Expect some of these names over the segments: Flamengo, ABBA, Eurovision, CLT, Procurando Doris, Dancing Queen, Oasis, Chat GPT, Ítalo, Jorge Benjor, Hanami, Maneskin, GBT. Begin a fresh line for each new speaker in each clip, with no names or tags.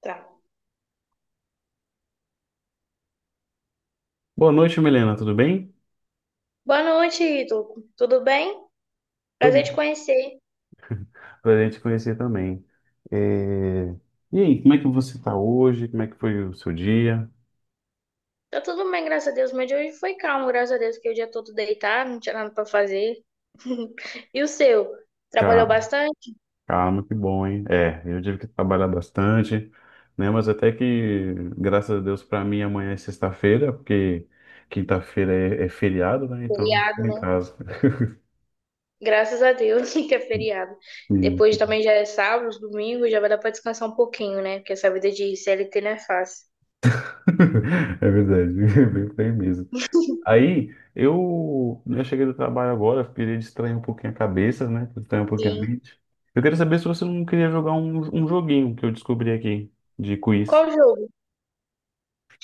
Tá.
Boa noite, Milena, tudo bem?
Boa noite, Ítalo. Tudo bem?
Tô
Prazer te
bem.
conhecer.
Prazer em te conhecer também. É, E aí, como é que você está hoje? Como é que foi o seu dia?
Tá tudo bem, graças a Deus. Meu dia hoje foi calmo, graças a Deus, que o dia todo deitado, não tinha nada pra fazer. E o seu? Trabalhou
Ca-
bastante?
Calma, que bom, hein? Eu tive que trabalhar bastante, né? Mas até que, graças a Deus, para mim amanhã é sexta-feira, porque quinta-feira é feriado, né? Então,
Feriado,
fico em
né?
casa.
Graças a Deus que é feriado.
Sim.
Depois também já é sábado, domingo, já vai dar pra descansar um pouquinho, né? Porque essa vida de CLT não é fácil.
É verdade, bem mesmo. Aí eu, né, eu cheguei do trabalho agora, queria distrair um pouquinho a cabeça, né? Distrair um pouquinho a
Sim.
mente. Eu queria saber se você não queria jogar um joguinho que eu descobri aqui de quiz.
Qual jogo?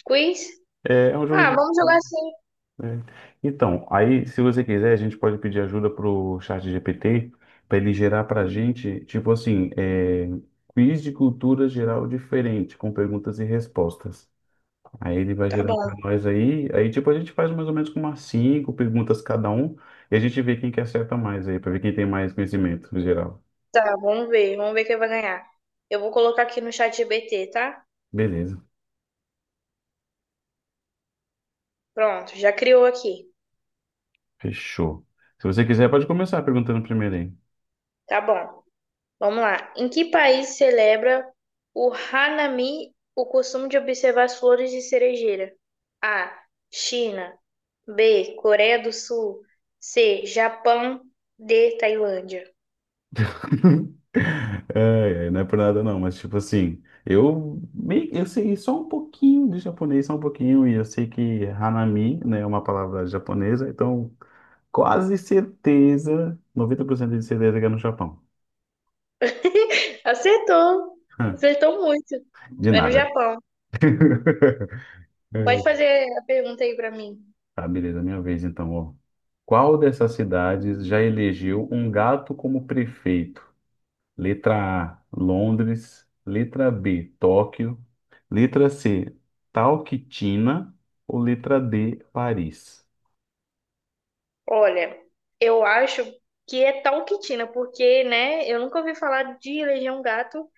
Quiz?
É, é um jogo
Ah,
de.
vamos jogar sim.
É. Então, aí se você quiser, a gente pode pedir ajuda pro Chat GPT para ele gerar pra gente, tipo assim, é, quiz de cultura geral diferente, com perguntas e respostas. Aí ele vai
Tá
gerar
bom.
para nós aí. Aí, tipo, a gente faz mais ou menos com umas cinco perguntas cada um. E a gente vê quem que acerta mais aí, para ver quem tem mais conhecimento no geral.
Tá, vamos ver. Vamos ver quem vai ganhar. Eu vou colocar aqui no chat GBT, tá?
Beleza,
Pronto, já criou aqui.
fechou. Se você quiser, pode começar perguntando primeiro aí.
Tá bom. Vamos lá. Em que país celebra o Hanami, o costume de observar as flores de cerejeira? A. China. B. Coreia do Sul. C. Japão. D. Tailândia.
Não é por nada não, mas tipo assim, eu meio, eu sei só um pouquinho de japonês, só um pouquinho, e eu sei que hanami, né, é uma palavra japonesa, então quase certeza, 90% de certeza que é no Japão.
Acertou. Acertou muito.
De
É no
nada.
Japão. Pode fazer a pergunta aí pra mim.
Tá, beleza, minha vez então, ó. Qual dessas cidades já elegeu um gato como prefeito? Letra A, Londres. Letra B, Tóquio. Letra C, Talquitina. Ou letra D, Paris?
Olha, eu acho que é Talquitina, porque, né, eu nunca ouvi falar de Legião Gato,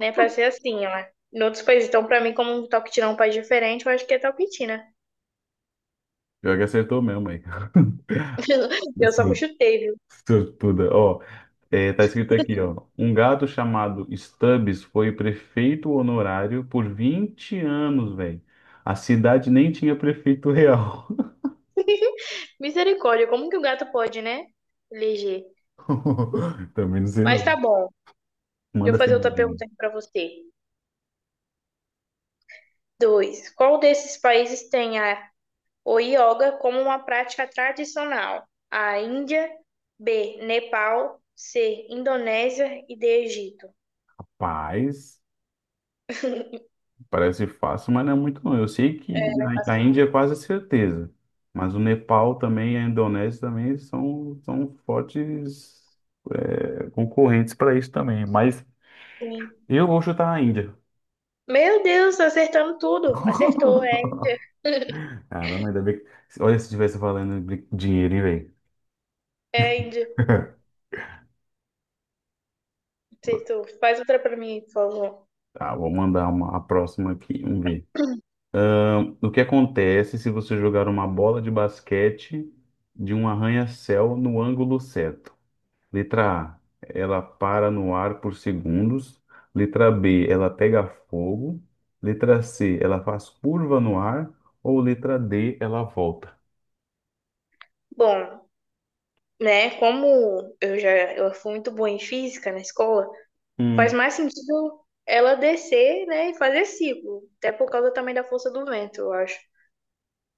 né? Pra ser assim, ó. Em outros países, então, pra mim, como um toquitina é um país diferente, eu acho que é toquitina.
Pior que acertou mesmo aí.
Eu só
Sur-
chutei, viu?
Sortuda. Ó, é, tá escrito aqui, ó. Um gato chamado Stubbs foi prefeito honorário por 20 anos, velho. A cidade nem tinha prefeito real.
Misericórdia, como que o gato pode, né? Eleger.
Também não sei
Mas tá
não.
bom. Deixa eu
Manda assim,
fazer outra pergunta aqui pra você. Dois. Qual desses países tem a, o yoga como uma prática tradicional? A. Índia, B, Nepal, C, Indonésia e D, Egito.
paz, parece fácil, mas não é muito não. Eu sei
É,
que
não é
a
fácil não.
Índia é quase certeza, mas o Nepal também, a Indonésia também são, são fortes é, concorrentes para isso também. Mas
Sim.
eu vou chutar a Índia.
Meu Deus, tá acertando tudo. Acertou, é Índia.
Caramba, ainda bem que... Olha, se tivesse valendo dinheiro, hein,
É Índia.
velho?
Se tu faz outra pra mim, por favor.
Tá, vou mandar uma, a próxima aqui, vamos ver. O que acontece se você jogar uma bola de basquete de um arranha-céu no ângulo certo? Letra A, ela para no ar por segundos. Letra B, ela pega fogo. Letra C, ela faz curva no ar. Ou letra D, ela volta.
Bom, né? Como eu já eu fui muito boa em física na escola, faz
Hum.
mais sentido ela descer, né, e fazer ciclo, até por causa também da força do vento, eu acho,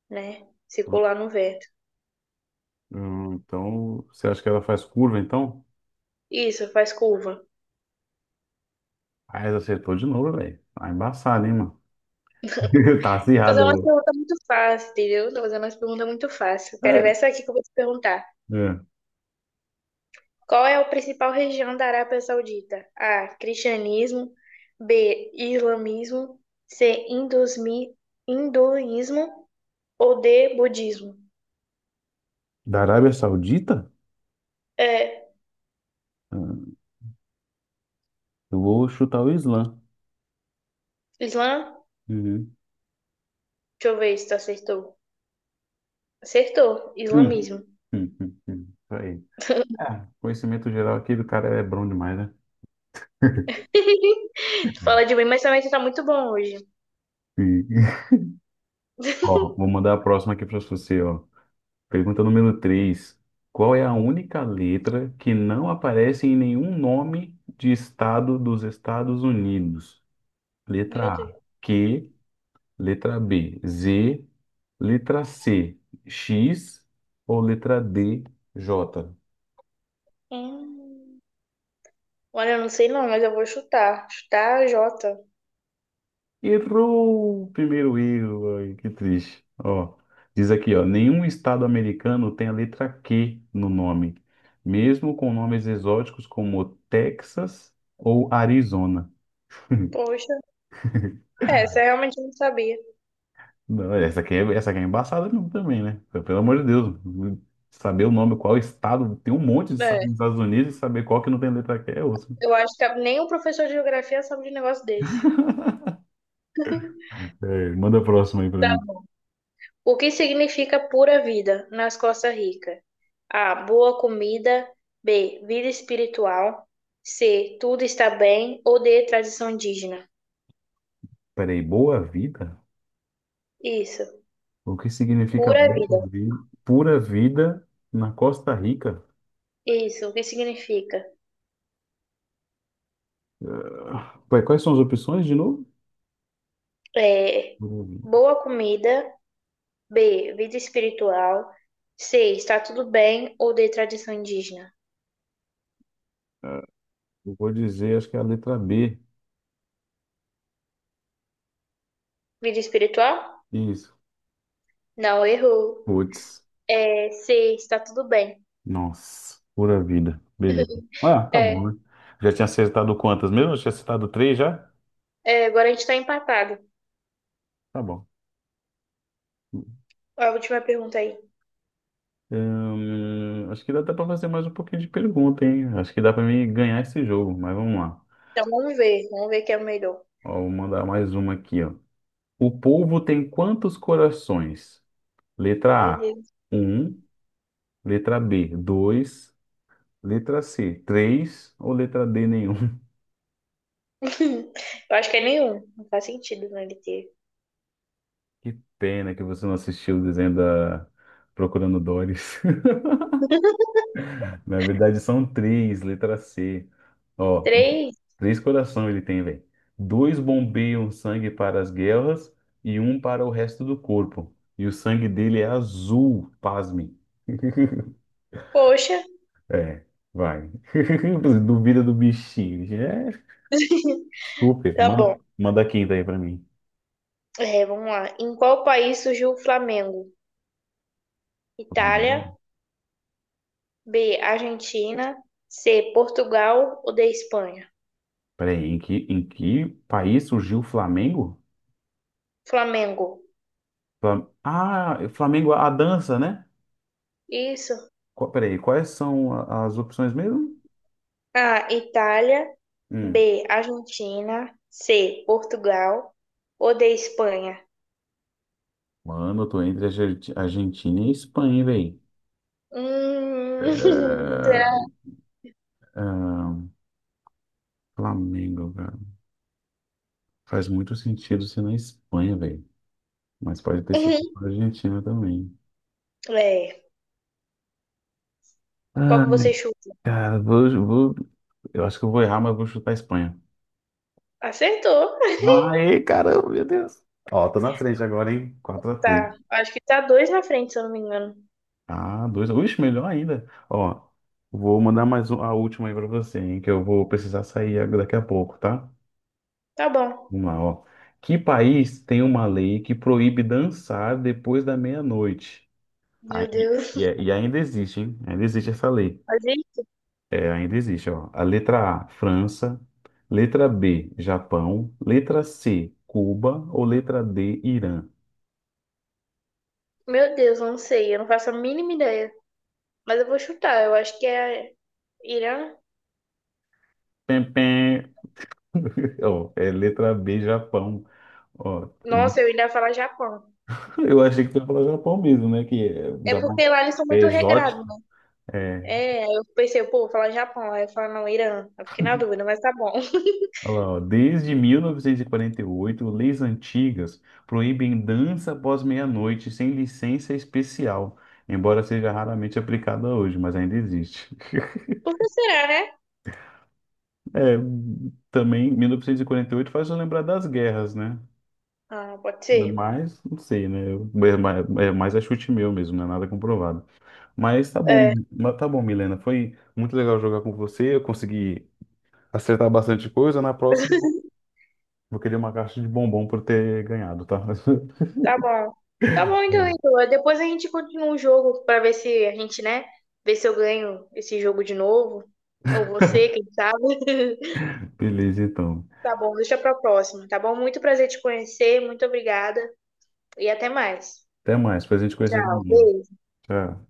né? Circular no vento.
Então, você acha que ela faz curva, então?
Isso, faz curva.
Ah, ela acertou de novo, velho. Tá embaçado, hein, mano? Tá
Tô fazendo uma
acirrado.
pergunta muito fácil, entendeu? Tô fazendo uma pergunta muito fácil. Quero ver
É,
essa aqui que eu vou te perguntar.
é.
Qual é a principal região da Arábia Saudita? A. Cristianismo. B. Islamismo. C. Hinduísmo. Ou D, budismo.
Da Arábia Saudita?
É,
Hum, Eu vou chutar o Islã.
Islã,
Uhum.
deixa eu ver se tu acertou. Acertou,
Hum,
islamismo.
Isso aí. É, conhecimento geral aqui do cara é bom demais,
Tu fala de mim, mas também tu tá muito bom hoje.
né? Ó, vou mandar a próxima aqui para você, ó. Pergunta número 3: qual é a única letra que não aparece em nenhum nome de estado dos Estados Unidos?
Meu
Letra A,
Deus.
Q, letra B, Z, letra C, X ou letra D, J?
Hum. Olha, eu não sei não, mas eu vou chutar. Chutar J.
Errou o primeiro erro, ai, que triste. Ó, diz aqui, ó, nenhum estado americano tem a letra Q no nome, mesmo com nomes exóticos como Texas ou Arizona.
Poxa, é, essa eu realmente não sabia.
Não, essa aqui essa aqui é embaçada mesmo também, né? Pelo amor de Deus, saber o nome, qual estado, tem um monte de
É,
estados nos Estados Unidos e saber qual que não tem letra Q é osso.
eu acho que nem o professor de geografia sabe de um negócio desse.
É, manda a próxima aí pra
Tá.
mim.
O que significa pura vida nas Costa Rica? A. Boa comida. B. Vida espiritual. C. Tudo está bem. Ou D. Tradição indígena.
Peraí, boa vida?
Isso,
O que significa
pura
boa
vida.
vida? Pura vida na Costa Rica?
Isso, o que significa?
Ué, quais são as opções de novo?
É,
Eu
boa comida. B, vida espiritual. C, está tudo bem ou de tradição indígena?
eu vou dizer, acho que é a letra B.
Vida espiritual?
Isso.
Não, errou.
Putz.
É, C, está tudo bem.
Nossa, pura vida. Beleza. Ah, tá bom,
É,
né? Já tinha acertado quantas mesmo? Já tinha acertado três já?
é, agora a gente está empatado.
Tá bom.
A última pergunta aí.
Acho que dá até pra fazer mais um pouquinho de pergunta, hein? Acho que dá pra mim ganhar esse jogo, mas vamos lá.
Então vamos ver quem é o melhor.
Ó, vou mandar mais uma aqui, ó. O polvo tem quantos corações?
Meu
Letra A,
Deus.
um. Letra B, dois. Letra C, três ou letra D, nenhum?
Eu acho que é nenhum. Não faz sentido, né, ele ter.
Que pena que você não assistiu o desenho da Procurando Doris. Na verdade, são três, letra C. Ó,
Três?
três corações ele tem, velho. Dois bombeiam sangue para as guerras e um para o resto do corpo. E o sangue dele é azul, pasme.
Poxa,
É, vai. Duvida do bichinho. É, super.
tá bom.
Manda a quinta aí pra mim.
É, vamos lá. Em qual país surgiu o Flamengo? Itália,
Flamengo.
B, Argentina, C, Portugal ou D, Espanha?
Peraí, em que país surgiu o Flamengo?
Flamengo.
Ah, Flamengo, a dança, né?
Isso.
Qual, peraí, quais são as opções mesmo?
A, Itália,
Hum.
B, Argentina, C, Portugal ou D, Espanha?
Mano, eu tô entre a Argentina e a Espanha, velho.
Hum, será?
Flamengo, cara. Faz muito sentido ser na Espanha, velho. Mas pode ter sido na Argentina também.
É. Qual
Ah,
que você chuta?
cara, vou- eu acho que eu vou errar, mas eu vou chutar a Espanha.
Acertou.
Aê, caramba, meu Deus. Ó, tô na frente agora, hein? Quatro a três.
Tá. Acho que tá dois na frente, se eu não me engano.
Ah, dois. Ixi, melhor ainda. Ó, vou mandar a última aí pra você, hein, que eu vou precisar sair daqui a pouco, tá?
Tá bom.
Vamos lá, ó. Que país tem uma lei que proíbe dançar depois da meia-noite? Ah,
Meu Deus.
E ainda existe, hein? Ainda existe essa lei.
Mas isso?
É, ainda existe, ó. A letra A, França. Letra B, Japão. Letra C, Cuba. Ou letra D, Irã?
Meu Deus, eu não sei. Eu não faço a mínima ideia. Mas eu vou chutar. Eu acho que é Irã.
Pem, pem. Ó, é letra B, Japão. Ó,
Nossa, eu ainda ia falar Japão.
eu achei que tu ia falar Japão mesmo, né? Que é, o
É
Japão
porque lá eles são
é
muito regrados,
exótico.
né?
É.
É, aí eu pensei, pô, vou falar Japão. Aí eu falo, não, Irã. Eu fiquei na dúvida, mas tá bom.
Olha lá, ó. Desde 1948, leis antigas proíbem dança após meia-noite sem licença especial, embora seja raramente aplicada hoje, mas ainda existe.
Por que será, né?
É, também 1948 faz eu lembrar das guerras, né?
Ah, pode ser.
Mas, não sei, né? Eu- É mais a chute meu mesmo, não é nada comprovado. Mas tá bom,
É,
mas tá bom, Milena. Foi muito legal jogar com você. Eu consegui acertar bastante coisa, na próxima vou querer uma caixa de bombom por ter ganhado, tá?
tá bom. Tá bom, então,
Bom.
Ítalo. Depois a gente continua o jogo pra ver se a gente, né? Ver se eu ganho esse jogo de novo. Ou você, quem sabe.
Beleza, então.
Tá bom, deixa pra próxima, tá bom? Muito prazer te conhecer, muito obrigada. E até mais.
Até mais, pra gente conhecer
Tchau,
também.
beijo.
Tchau.